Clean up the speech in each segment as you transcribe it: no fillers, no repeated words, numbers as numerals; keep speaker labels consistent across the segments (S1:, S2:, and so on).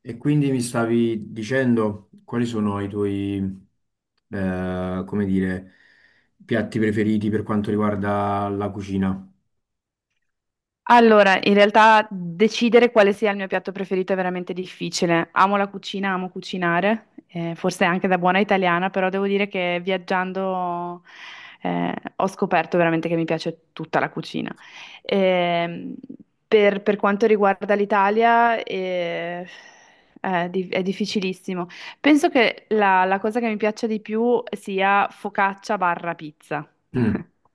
S1: E quindi mi stavi dicendo quali sono i tuoi, come dire, piatti preferiti per quanto riguarda la cucina?
S2: Allora, in realtà decidere quale sia il mio piatto preferito è veramente difficile. Amo la cucina, amo cucinare, forse anche da buona italiana, però devo dire che viaggiando eh, ho scoperto veramente che mi piace tutta la cucina. Ehm, per quanto riguarda l'Italia, è, è difficilissimo. Penso che la cosa che mi piaccia di più sia focaccia barra pizza.
S1: Mm.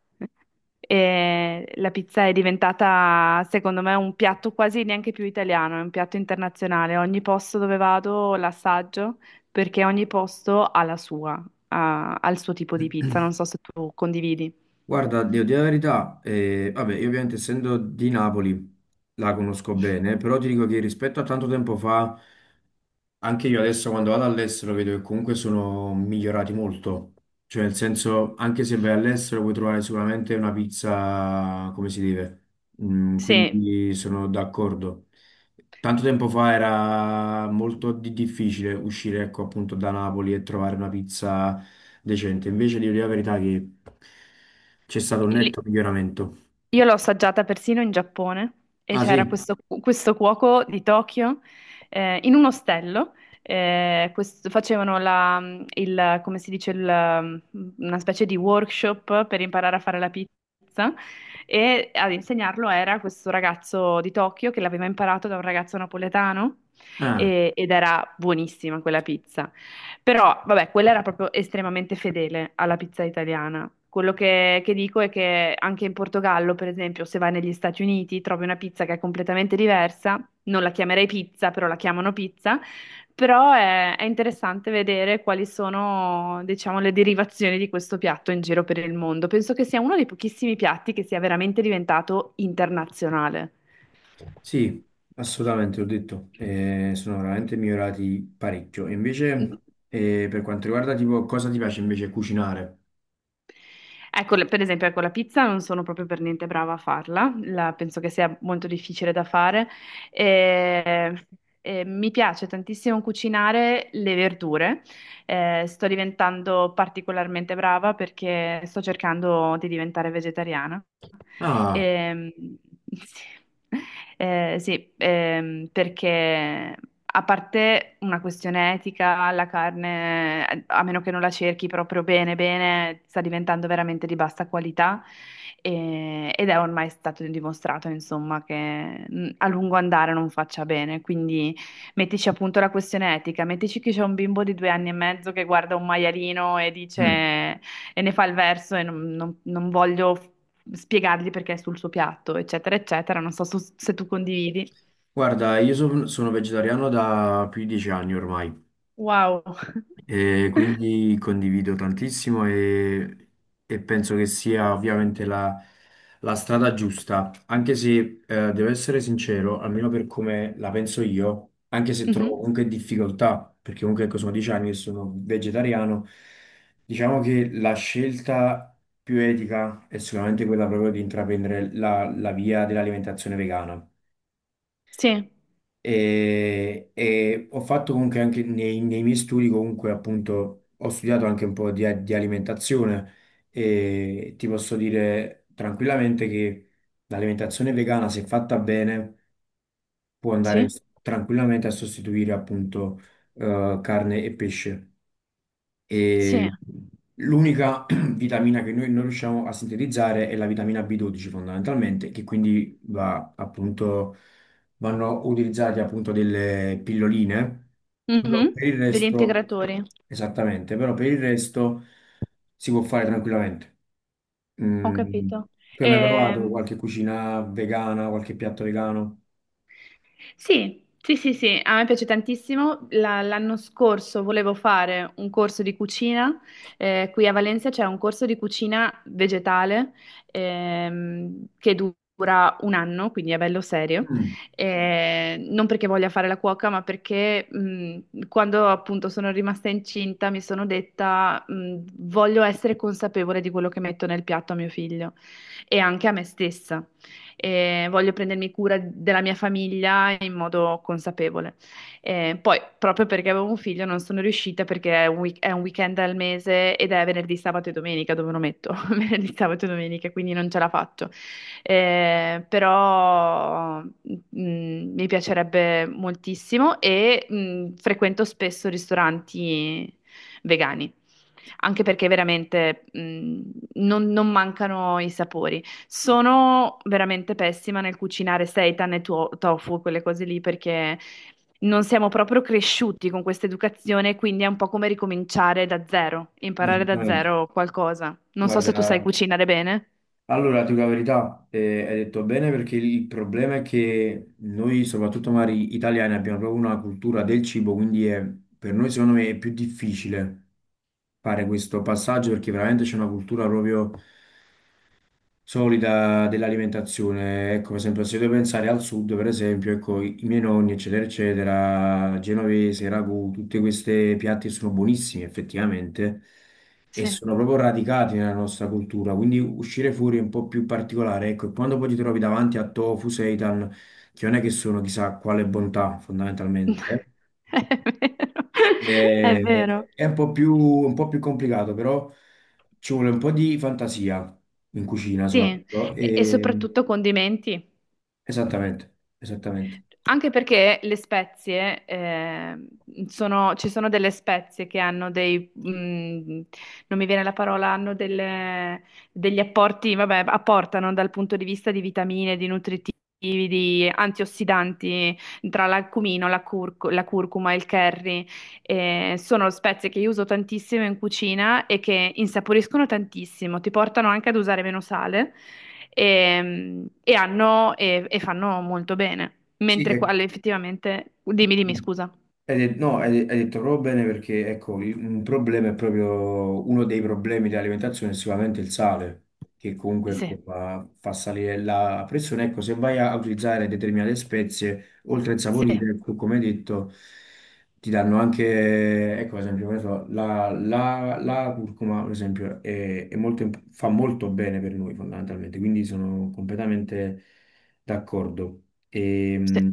S2: E la pizza è diventata, secondo me, un piatto quasi neanche più italiano, è un piatto internazionale. Ogni posto dove vado l'assaggio perché ogni posto ha la sua, ha il suo tipo di pizza. Non so se tu condividi.
S1: Guarda, devo dire la verità, vabbè, io ovviamente essendo di Napoli la conosco bene, però ti dico che rispetto a tanto tempo fa, anche io adesso quando vado all'estero vedo che comunque sono migliorati molto, cioè nel senso anche se vai all'estero puoi trovare sicuramente una pizza come si deve. Mm,
S2: Sì,
S1: quindi sono d'accordo. Tanto tempo fa era molto difficile uscire ecco appunto da Napoli e trovare una pizza decente, invece devo dire la verità che c'è stato un
S2: lì.
S1: netto miglioramento.
S2: Io l'ho assaggiata persino in Giappone e
S1: Ah, sì?
S2: c'era questo cuoco di Tokyo in un ostello. Facevano come si dice, una specie di workshop per imparare a fare la pizza e ad insegnarlo era questo ragazzo di Tokyo che l'aveva imparato da un ragazzo napoletano
S1: Ah.
S2: ed era buonissima quella pizza. Però, vabbè, quella era proprio estremamente fedele alla pizza italiana. Quello che dico è che anche in Portogallo, per esempio, se vai negli Stati Uniti, trovi una pizza che è completamente diversa. Non la chiamerei pizza, però la chiamano pizza. Però è interessante vedere quali sono, diciamo, le derivazioni di questo piatto in giro per il mondo. Penso che sia uno dei pochissimi piatti che sia veramente diventato internazionale.
S1: Sì, assolutamente, ho detto, sono veramente migliorati parecchio. E invece, per quanto riguarda tipo cosa ti piace invece cucinare?
S2: Ecco, per esempio, ecco, la pizza non sono proprio per niente brava a farla, penso che sia molto difficile da fare. E- e mi piace tantissimo cucinare le verdure. Sto diventando particolarmente brava perché sto cercando di diventare vegetariana.
S1: Ah,
S2: Ehm, sì. Sì, perché a parte una questione etica, la carne, a meno che non la cerchi proprio bene, bene, sta diventando veramente di bassa qualità ed è ormai stato dimostrato, insomma, che a lungo andare non faccia bene. Quindi mettici appunto la questione etica, mettici che c'è un bimbo di 2 anni e mezzo che guarda un maialino e dice
S1: mm,
S2: e ne fa il verso e non voglio spiegargli perché è sul suo piatto, eccetera, eccetera. Non so se tu condividi.
S1: guarda, sono vegetariano da più di dieci anni ormai.
S2: Wow.
S1: E quindi condivido tantissimo e penso che sia ovviamente la, la strada giusta, anche se, devo essere sincero, almeno per come la penso io, anche se trovo
S2: Mhm.
S1: comunque difficoltà, perché comunque ecco, sono dieci anni che sono vegetariano, diciamo che la scelta più etica è sicuramente quella proprio di intraprendere la via dell'alimentazione vegana.
S2: Sì,
S1: E ho fatto comunque anche nei miei studi, comunque appunto ho studiato anche un po' di alimentazione e ti posso dire tranquillamente che l'alimentazione vegana, se fatta bene, può andare
S2: sì,
S1: tranquillamente a sostituire appunto, carne e pesce.
S2: sì.
S1: E l'unica vitamina che noi non riusciamo a sintetizzare è la vitamina B12 fondamentalmente, che quindi va appunto, vanno utilizzate appunto delle pilloline, però
S2: Mhm.
S1: per il
S2: Degli
S1: resto,
S2: integratori,
S1: esattamente, però per il resto si può fare tranquillamente.
S2: ho
S1: Mm.
S2: capito.
S1: Tu hai mai provato
S2: Ehm,
S1: qualche cucina vegana, qualche piatto vegano?
S2: Sì, sì, sì, sì, a me piace tantissimo. L'anno scorso volevo fare un corso di cucina. Eh, qui a Valencia c'è un corso di cucina vegetale, che dura un anno, quindi è bello serio.
S1: Mm.
S2: Non perché voglia fare la cuoca, ma perché quando appunto sono rimasta incinta mi sono detta, voglio essere consapevole di quello che metto nel piatto a mio figlio e anche a me stessa e voglio prendermi cura della mia famiglia in modo consapevole. Poi, proprio perché avevo un figlio, non sono riuscita perché è un, è un weekend al mese ed è venerdì, sabato e domenica, dove lo metto? Venerdì, sabato e domenica, quindi non ce la faccio. Però mi piacerebbe moltissimo e frequento spesso ristoranti vegani, anche perché veramente, non mancano i sapori. Sono veramente pessima nel cucinare seitan e tofu, quelle cose lì, perché non siamo proprio cresciuti con questa educazione, quindi è un po' come ricominciare da zero, imparare da
S1: Esattamente,
S2: zero qualcosa. Non so se tu sai
S1: guarda.
S2: cucinare bene.
S1: Allora, ti dico la verità, hai detto bene perché il problema è che noi, soprattutto magari italiani, abbiamo proprio una cultura del cibo, per noi secondo me è più difficile fare questo passaggio perché veramente c'è una cultura proprio solida dell'alimentazione. Ecco, per esempio, se devo pensare al sud, per esempio, ecco, i miei nonni, eccetera, eccetera, genovese, ragù, tutte queste piatti sono buonissime effettivamente e
S2: Sì.
S1: sono proprio radicati nella nostra cultura, quindi uscire fuori è un po' più particolare, ecco, e quando poi ti trovi davanti a tofu, seitan, che non è che sono chissà quale bontà, fondamentalmente,
S2: È vero. È
S1: eh,
S2: vero.
S1: è un po' più complicato, però ci vuole un po' di fantasia in cucina
S2: Sì,
S1: soprattutto.
S2: e
S1: E
S2: soprattutto condimenti.
S1: esattamente, esattamente.
S2: Anche perché le spezie, ci sono delle spezie che hanno dei, non mi viene la parola, degli apporti, vabbè, apportano dal punto di vista di vitamine, di nutritivi, di antiossidanti, tra l'accumino, la curcuma, il curry. Sono spezie che io uso tantissimo in cucina e che insaporiscono tantissimo, ti portano anche ad usare meno sale e fanno molto bene.
S1: Sì,
S2: Mentre quale effettivamente, dimmi, dimmi,
S1: mm.
S2: scusa.
S1: No, hai detto proprio bene perché ecco, un problema, è proprio uno dei problemi dell'alimentazione è sicuramente il sale, che comunque ecco,
S2: Sì,
S1: fa, fa salire la pressione. Ecco, se vai a utilizzare determinate spezie, oltre a
S2: sì,
S1: insaporire, ecco, come hai detto, ti danno anche, ecco, ad esempio, che ne so, la curcuma, ad esempio, è molto fa molto bene per noi fondamentalmente, quindi sono completamente d'accordo. E
S2: sì.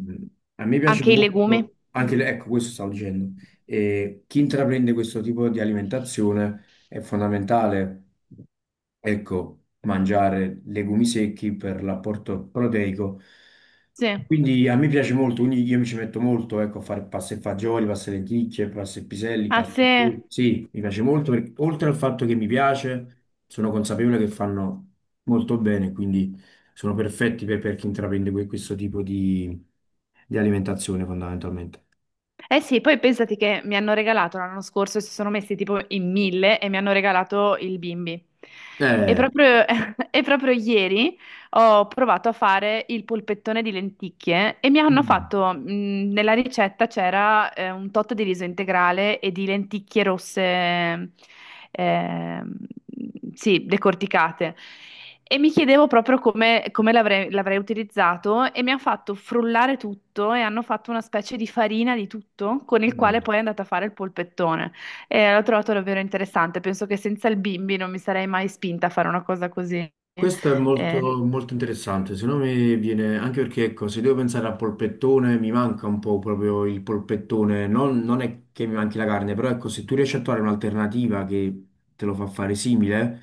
S1: a me piace
S2: Anche i legumi.
S1: molto, anche ecco questo stavo dicendo, e chi intraprende questo tipo di alimentazione è fondamentale ecco, mangiare legumi secchi per l'apporto proteico. E
S2: Sì.
S1: quindi a me piace molto, quindi io mi ci metto molto, ecco, a fare pasta e fagioli, pasta e lenticchie, pasta e piselli,
S2: Ah,
S1: pasta
S2: sì.
S1: e
S2: Eh
S1: sughi. Sì, mi piace molto, perché, oltre al fatto che mi piace, sono consapevole che fanno molto bene, quindi sono perfetti per chi intraprende questo tipo di alimentazione fondamentalmente.
S2: sì, poi pensati che mi hanno regalato l'anno scorso, si sono messi tipo in 1000 e mi hanno regalato il bimbi. E
S1: Eh,
S2: proprio, e proprio ieri ho provato a fare il polpettone di lenticchie e mi hanno
S1: mm,
S2: fatto, nella ricetta c'era, un tot di riso integrale e di lenticchie rosse, ehm, sì, decorticate. E mi chiedevo proprio come l'avrei utilizzato, e mi hanno fatto frullare tutto e hanno fatto una specie di farina di tutto con il quale
S1: mm.
S2: poi è andata a fare il polpettone. E l'ho trovato davvero interessante. Penso che senza il bimbi non mi sarei mai spinta a fare una cosa così.
S1: Questo è molto,
S2: Eh,
S1: molto interessante, secondo me viene anche perché ecco, se devo pensare al polpettone mi manca un po' proprio il polpettone, non, non è che mi manchi la carne, però ecco, se tu riesci a trovare un'alternativa che te lo fa fare simile,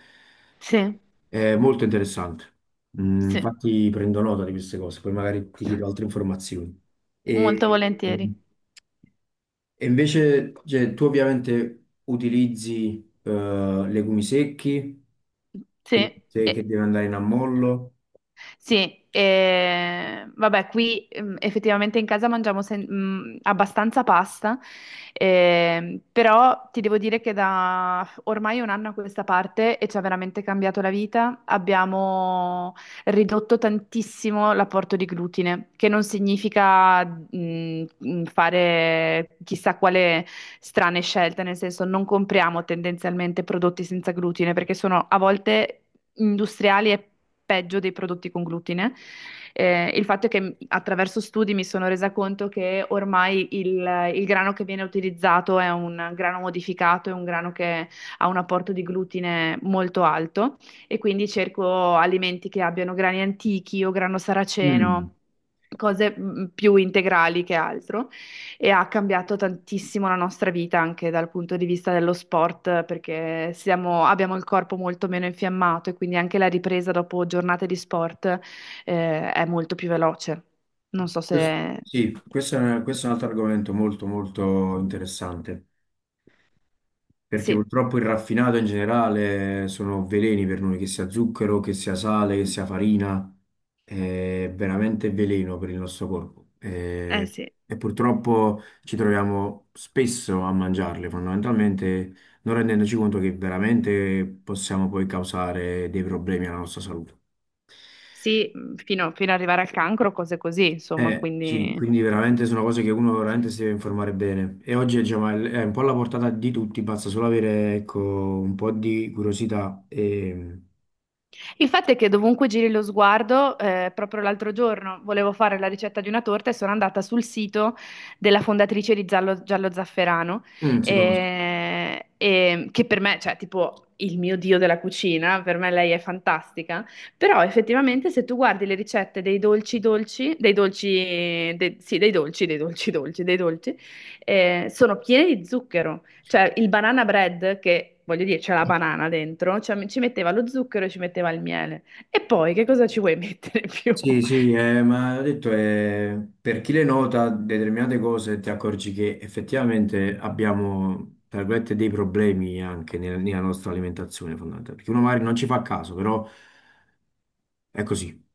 S2: Sì,
S1: è molto interessante. Mm,
S2: sì,
S1: infatti prendo nota di queste cose, poi magari ti chiedo altre informazioni.
S2: molto
S1: E,
S2: volentieri.
S1: mm, e invece, cioè, tu ovviamente utilizzi, legumi secchi,
S2: Sì,
S1: quindi te che
S2: e,
S1: deve andare in ammollo.
S2: sì, vabbè, qui, effettivamente in casa mangiamo abbastanza pasta, però ti devo dire che da ormai un anno a questa parte e ci ha veramente cambiato la vita, abbiamo ridotto tantissimo l'apporto di glutine, che non significa, fare chissà quale strane scelte, nel senso non compriamo tendenzialmente prodotti senza glutine perché sono a volte industriali è peggio dei prodotti con glutine. Il fatto è che attraverso studi mi sono resa conto che ormai il grano che viene utilizzato è un grano modificato, è un grano che ha un apporto di glutine molto alto e quindi cerco alimenti che abbiano grani antichi o grano
S1: Mm.
S2: saraceno. Cose più integrali che altro, e ha cambiato tantissimo la nostra vita anche dal punto di vista dello sport, perché abbiamo il corpo molto meno infiammato e quindi anche la ripresa dopo giornate di sport, è molto più veloce. Non so
S1: Questo,
S2: se...
S1: sì, questo è un altro argomento molto molto interessante, perché
S2: Sì,
S1: purtroppo il raffinato in generale sono veleni per noi, che sia zucchero, che sia sale, che sia farina, è veramente veleno per il nostro corpo.
S2: eh sì,
S1: E purtroppo ci troviamo spesso a mangiarle, fondamentalmente non rendendoci conto che veramente possiamo poi causare dei problemi alla nostra salute.
S2: sì, fino, fino ad arrivare al cancro, cose così, insomma,
S1: Sì,
S2: quindi...
S1: quindi veramente sono cose che uno veramente si deve informare bene. E oggi diciamo, è un po' alla portata di tutti, basta solo avere ecco, un po' di curiosità e
S2: Il fatto è che dovunque giri lo sguardo, proprio l'altro giorno volevo fare la ricetta di una torta e sono andata sul sito della fondatrice di Giallo, Giallo Zafferano,
S1: mm, si conoscono.
S2: che per me, cioè, tipo il mio dio della cucina, per me lei è fantastica, però effettivamente se tu guardi le ricette dei dolci dolci, sì, dei dolci, dei dolci, sono piene di zucchero. Cioè, il banana bread, che voglio dire, c'è la banana dentro, cioè, ci metteva lo zucchero e ci metteva il miele. E poi che cosa ci vuoi mettere più?
S1: Sì, sì, ma ho detto, per chi le nota determinate cose ti accorgi che effettivamente abbiamo, tra virgolette, dei problemi anche nella nostra alimentazione fondamentale, perché uno magari non ci fa caso, però... È così.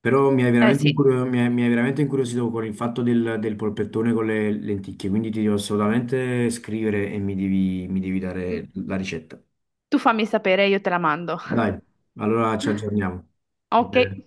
S1: Però mi hai
S2: Eh
S1: veramente,
S2: sì,
S1: mi hai, mi hai veramente incuriosito con il fatto del, del polpettone con le lenticchie, quindi ti devo assolutamente scrivere e mi devi dare la ricetta.
S2: tu fammi sapere, io te la mando.
S1: Dai, allora ci aggiorniamo. Va
S2: Ok.
S1: bene?